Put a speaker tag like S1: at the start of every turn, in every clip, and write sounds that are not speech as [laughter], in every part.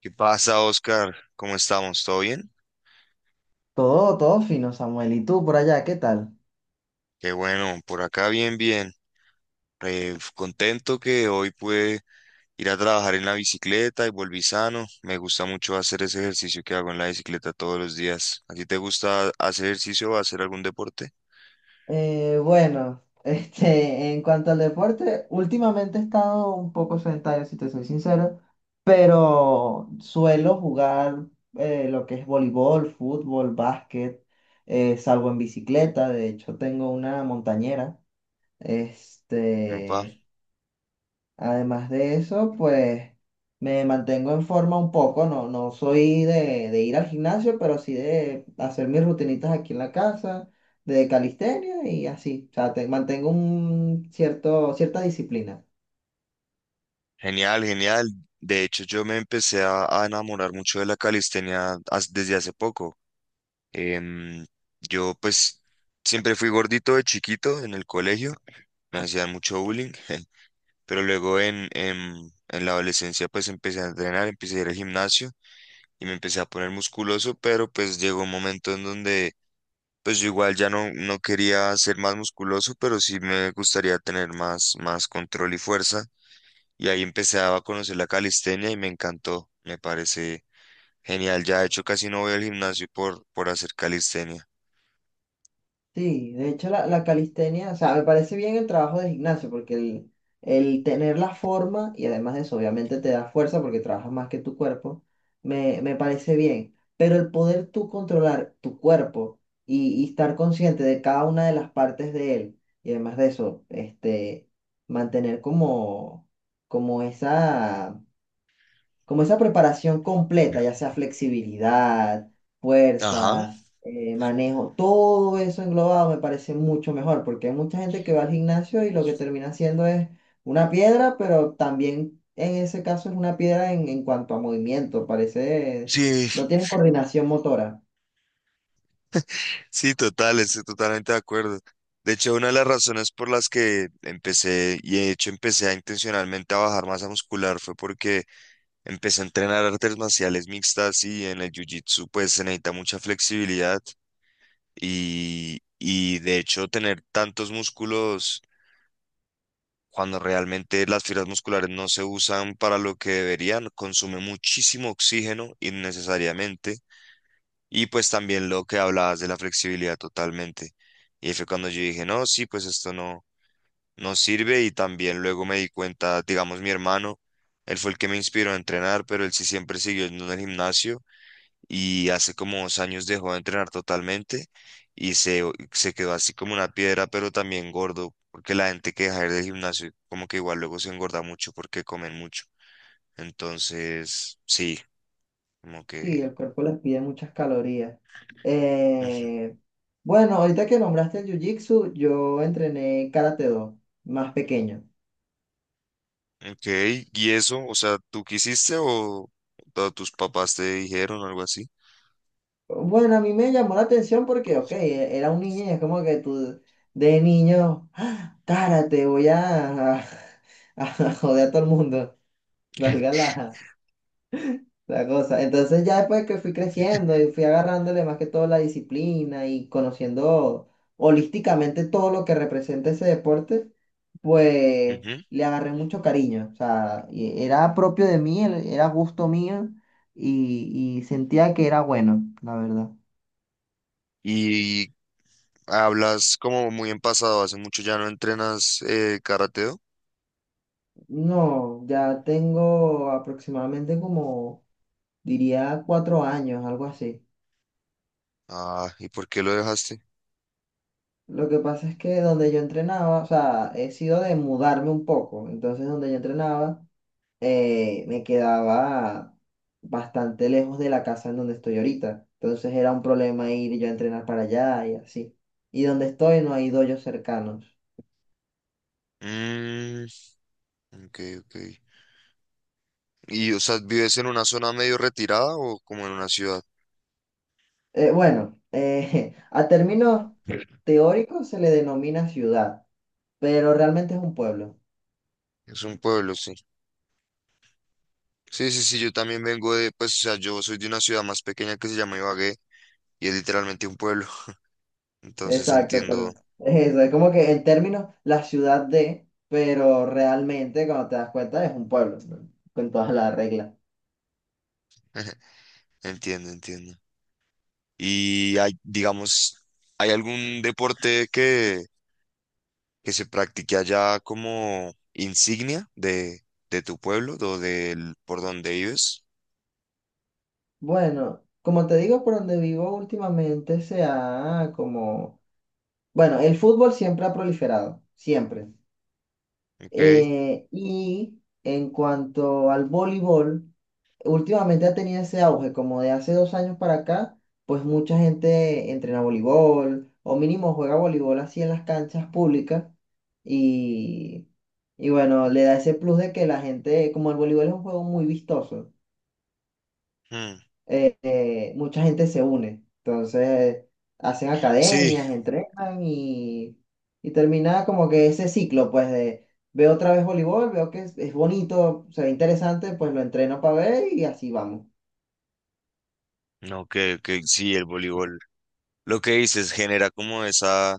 S1: ¿Qué pasa, Oscar? ¿Cómo estamos? ¿Todo bien?
S2: Todo, todo fino, Samuel. ¿Y tú por allá, qué tal?
S1: Qué bueno, por acá bien, bien. Contento que hoy pude ir a trabajar en la bicicleta y volví sano. Me gusta mucho hacer ese ejercicio que hago en la bicicleta todos los días. ¿A ti te gusta hacer ejercicio o hacer algún deporte?
S2: Bueno, [laughs] en cuanto al deporte, últimamente he estado un poco sedentario, si te soy sincero, pero suelo jugar lo que es voleibol, fútbol, básquet, salgo en bicicleta, de hecho tengo una montañera,
S1: Opa,
S2: este, además de eso, pues me mantengo en forma un poco, no soy de ir al gimnasio, pero sí de hacer mis rutinitas aquí en la casa, de calistenia y así. O sea, mantengo un cierta disciplina.
S1: genial, genial. De hecho, yo me empecé a enamorar mucho de la calistenia desde hace poco. Em, yo pues siempre fui gordito de chiquito en el colegio. Me hacían mucho bullying, [laughs] pero luego en la adolescencia pues empecé a entrenar, empecé a ir al gimnasio y me empecé a poner musculoso, pero pues llegó un momento en donde pues yo igual ya no quería ser más musculoso, pero sí me gustaría tener más control y fuerza. Y ahí empecé a conocer la calistenia y me encantó, me parece genial. Ya de hecho casi no voy al gimnasio por hacer calistenia.
S2: Sí, de hecho la calistenia, o sea, me parece bien el trabajo de gimnasio porque el tener la forma y además de eso obviamente te da fuerza porque trabajas más que tu cuerpo, me parece bien, pero el poder tú controlar tu cuerpo y estar consciente de cada una de las partes de él y además de eso, mantener como, como esa como esa preparación completa, ya sea flexibilidad,
S1: Ajá.
S2: fuerza, manejo, todo eso englobado me parece mucho mejor, porque hay mucha gente que va al gimnasio y lo que termina haciendo es una piedra, pero también en ese caso es una piedra en cuanto a movimiento, parece,
S1: Sí.
S2: no tiene coordinación motora.
S1: Sí, total, estoy totalmente de acuerdo. De hecho, una de las razones por las que empecé, y de hecho empecé a intencionalmente a bajar masa muscular, fue porque empecé a entrenar artes marciales mixtas y en el jiu-jitsu pues se necesita mucha flexibilidad y de hecho tener tantos músculos cuando realmente las fibras musculares no se usan para lo que deberían, consume muchísimo oxígeno innecesariamente y pues también lo que hablabas de la flexibilidad totalmente. Y ahí fue cuando yo dije, no, sí, pues esto no sirve. Y también luego me di cuenta, digamos, mi hermano, él fue el que me inspiró a entrenar, pero él sí siempre siguió en el gimnasio y hace como 2 años dejó de entrenar totalmente y se, se quedó así como una piedra, pero también gordo, porque la gente que deja de ir del gimnasio como que igual luego se engorda mucho porque comen mucho. Entonces, sí, como
S2: Sí,
S1: que...
S2: el cuerpo les pide muchas calorías.
S1: Ujú.
S2: Eh, bueno, ahorita que nombraste el Jiu-Jitsu, yo entrené Karate Do, más pequeño.
S1: Ok, ¿y eso? O sea, ¿tú quisiste o tus papás te dijeron algo así?
S2: Bueno, a mí me llamó la atención porque, ok, era un niño y es como que tú de niño, ¡ah! Cara, te voy a [laughs] joder a todo el mundo, valga
S1: [laughs]
S2: la cosa. Entonces ya después que fui creciendo y fui agarrándole más que todo la disciplina y conociendo holísticamente todo lo que representa ese deporte, pues
S1: Ujú.
S2: le agarré mucho cariño. O sea, y era propio de mí, era gusto mío y sentía que era bueno, la verdad.
S1: Y hablas como muy en pasado, hace mucho ya no entrenas karateo.
S2: No, ya tengo aproximadamente como, diría, 4 años, algo así.
S1: Ah, ¿y por qué lo dejaste?
S2: Lo que pasa es que donde yo entrenaba, o sea, he sido de mudarme un poco. Entonces, donde yo entrenaba, me quedaba bastante lejos de la casa en donde estoy ahorita. Entonces, era un problema ir yo a entrenar para allá y así. Y donde estoy no hay doyos cercanos.
S1: Mm, ok, ok. ¿Y, o sea, vives en una zona medio retirada o como en una ciudad?
S2: Bueno, [laughs] a términos teóricos se le denomina ciudad, pero realmente es un pueblo.
S1: Es un pueblo, sí. Sí, sí, sí, yo también vengo de, pues, o sea, yo soy de una ciudad más pequeña que se llama Ibagué y es literalmente un pueblo. Entonces
S2: Exacto, pero
S1: entiendo,
S2: es eso, es como que en términos la ciudad de, pero realmente cuando te das cuenta es un pueblo, ¿no? Con todas las reglas.
S1: [laughs] entiendo, entiendo. Y hay, digamos, ¿hay algún deporte que se practique allá como insignia de tu pueblo o del por donde vives?
S2: Bueno, como te digo, por donde vivo últimamente se ha como, bueno, el fútbol siempre ha proliferado, siempre.
S1: Ok.
S2: Y en cuanto al voleibol, últimamente ha tenido ese auge, como de hace 2 años para acá, pues mucha gente entrena voleibol o mínimo juega voleibol así en las canchas públicas y, y bueno, le da ese plus de que la gente, como el voleibol es un juego muy vistoso,
S1: Hmm.
S2: mucha gente se une, entonces hacen
S1: Sí,
S2: academias, entrenan y termina como que ese ciclo, pues de... Veo otra vez voleibol, veo que es bonito, se ve interesante, pues lo entreno para ver y así vamos.
S1: no, que sí, el voleibol. Lo que dices genera como esa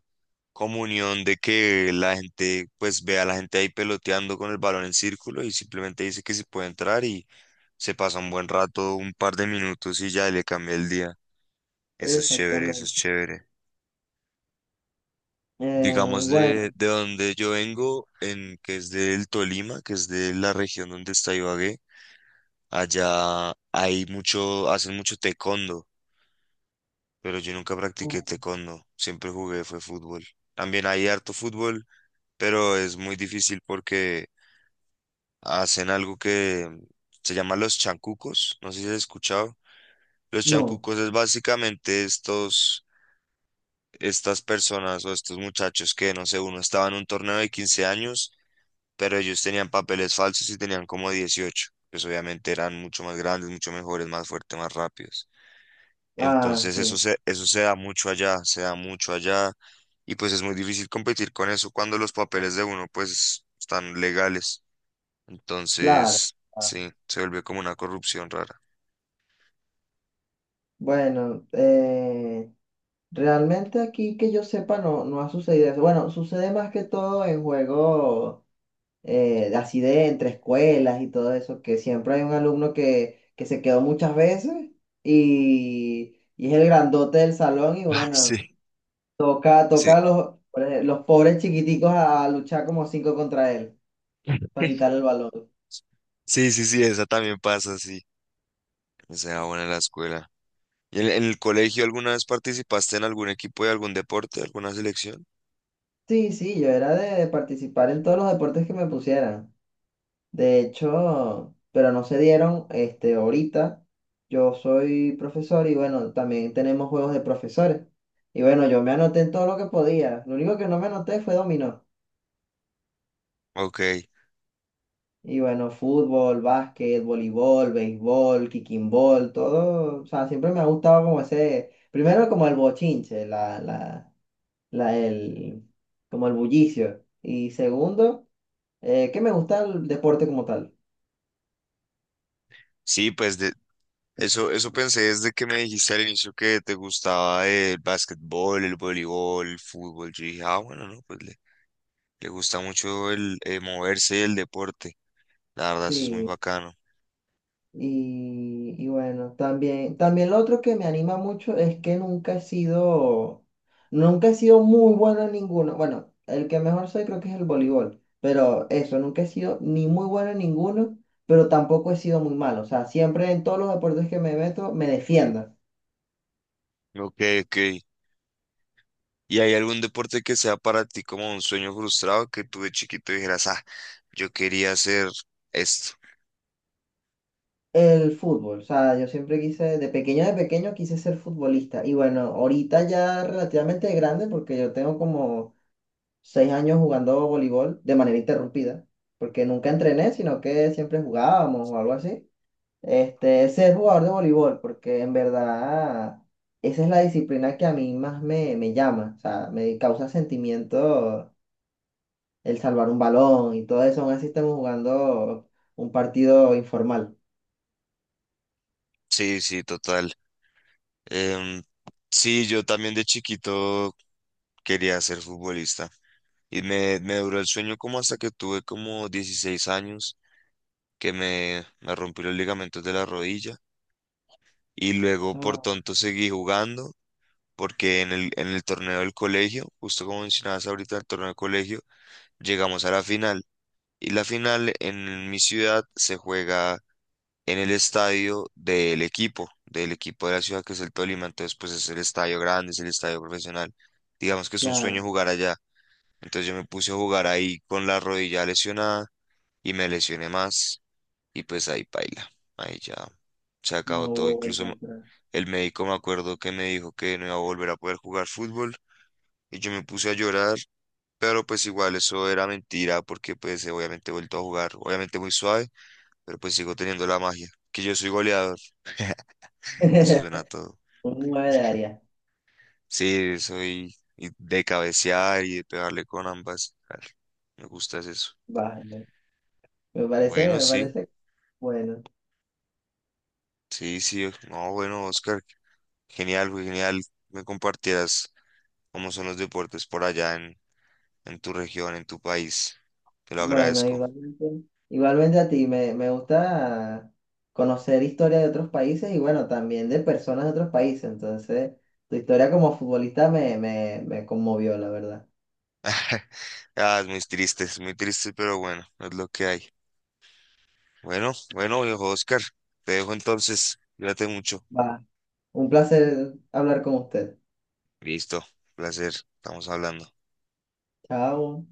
S1: comunión de que la gente, pues ve a la gente ahí peloteando con el balón en círculo y simplemente dice que se puede entrar y se pasa un buen rato, un par de minutos y ya le cambia el día. Eso es chévere, eso es
S2: Exactamente.
S1: chévere.
S2: Eh,
S1: Digamos,
S2: bueno,
S1: de donde yo vengo, que es del Tolima, que es de la región donde está Ibagué, allá hay mucho, hacen mucho taekwondo, pero yo nunca practiqué taekwondo, siempre jugué, fue fútbol. También hay harto fútbol, pero es muy difícil porque hacen algo que se llama los chancucos, no sé si has escuchado. Los
S2: no.
S1: chancucos es básicamente estas personas o estos muchachos que, no sé, uno estaba en un torneo de 15 años pero ellos tenían papeles falsos y tenían como 18, pues obviamente eran mucho más grandes, mucho mejores, más fuertes, más rápidos.
S2: Ah,
S1: Entonces
S2: sí,
S1: eso se da mucho allá, se da mucho allá y pues es muy difícil competir con eso cuando los papeles de uno pues están legales.
S2: claro.
S1: Entonces,
S2: Ah,
S1: sí, se vuelve como una corrupción rara.
S2: bueno, realmente aquí que yo sepa no ha sucedido eso. Bueno, sucede más que todo en juegos de así de entre escuelas y todo eso, que siempre hay un alumno que se quedó muchas veces y es el grandote del salón y
S1: Ah,
S2: bueno, toca,
S1: Sí,
S2: toca a los pobres chiquiticos a luchar como cinco contra él para quitarle el balón.
S1: sí, esa también pasa, sí. Se da buena en la escuela. ¿Y en el colegio alguna vez participaste en algún equipo de algún deporte, alguna selección?
S2: Sí, sí, yo era de participar en todos los deportes que me pusieran. De hecho, pero no se dieron, ahorita yo soy profesor y bueno, también tenemos juegos de profesores. Y bueno, yo me anoté en todo lo que podía. Lo único que no me anoté fue dominó.
S1: Ok,
S2: Y bueno, fútbol, básquet, voleibol, béisbol, kicking ball, todo. O sea, siempre me ha gustado como ese, primero como el bochinche, la, el, como el bullicio. Y segundo... que me gusta el deporte como tal.
S1: sí, pues eso pensé desde que me dijiste al inicio que te gustaba el básquetbol, el voleibol, el fútbol. Yo dije, ah, bueno, no, pues le gusta mucho el moverse y el deporte. La verdad, eso es muy
S2: Sí,
S1: bacano.
S2: y, y bueno, también, también lo otro que me anima mucho es que nunca he sido muy bueno en ninguno. Bueno, el que mejor soy creo que es el voleibol, pero eso, nunca he sido ni muy bueno en ninguno, pero tampoco he sido muy malo. O sea, siempre en todos los deportes que me meto me defiendo.
S1: Ok, ok. ¿Y hay algún deporte que sea para ti como un sueño frustrado que tú de chiquito dijeras, ah, yo quería hacer esto?
S2: El fútbol, o sea, yo siempre quise, de pequeño quise ser futbolista. Y bueno, ahorita ya relativamente grande, porque yo tengo como 6 años jugando voleibol de manera interrumpida, porque nunca entrené, sino que siempre jugábamos o algo así. Ser jugador de voleibol, porque en verdad esa es la disciplina que a mí más me llama, o sea, me causa sentimiento el salvar un balón y todo eso, aún así estamos jugando un partido informal.
S1: Sí, sí, total. Em, sí, yo también de chiquito quería ser futbolista. Y me duró el sueño como hasta que tuve como 16 años que me rompí los ligamentos de la rodilla y luego por
S2: Ah,
S1: tonto seguí jugando porque en el torneo del colegio, justo como mencionabas ahorita, el torneo del colegio, llegamos a la final y la final en mi ciudad se juega en el estadio del equipo de la ciudad que es el Tolima, entonces pues es el estadio grande, es el estadio profesional, digamos que es un sueño
S2: claro,
S1: jugar allá, entonces yo me puse a jugar ahí con la rodilla lesionada y me lesioné más. Y pues ahí paila, ahí ya se
S2: no
S1: acabó todo.
S2: hubo
S1: Incluso
S2: vuelta
S1: me-
S2: atrás.
S1: el médico me acuerdo que me dijo que no iba a volver a poder jugar fútbol y yo me puse a llorar, pero pues igual eso era mentira porque pues obviamente he vuelto a jugar, obviamente muy suave, pero pues sigo teniendo la magia, que yo soy goleador, eso suena
S2: [laughs]
S1: a todo.
S2: Un 9 de área,
S1: Sí, soy y de cabecear y de pegarle con ambas, claro, me gusta es eso.
S2: vale.
S1: Bueno,
S2: Me
S1: sí,
S2: parece bueno.
S1: sí, sí, no, bueno, Oscar, genial, güey, genial, me compartieras cómo son los deportes por allá en tu región, en tu país. Te lo
S2: Bueno,
S1: agradezco.
S2: igualmente, igualmente a ti, me gusta conocer historia de otros países y bueno, también de personas de otros países. Entonces, tu historia como futbolista me conmovió, la verdad.
S1: [laughs] Ah, es muy triste, pero bueno, es lo que hay. Bueno, bueno, viejo Oscar, te dejo entonces. Cuídate mucho.
S2: Va, un placer hablar con usted.
S1: Listo, placer, estamos hablando.
S2: Chao.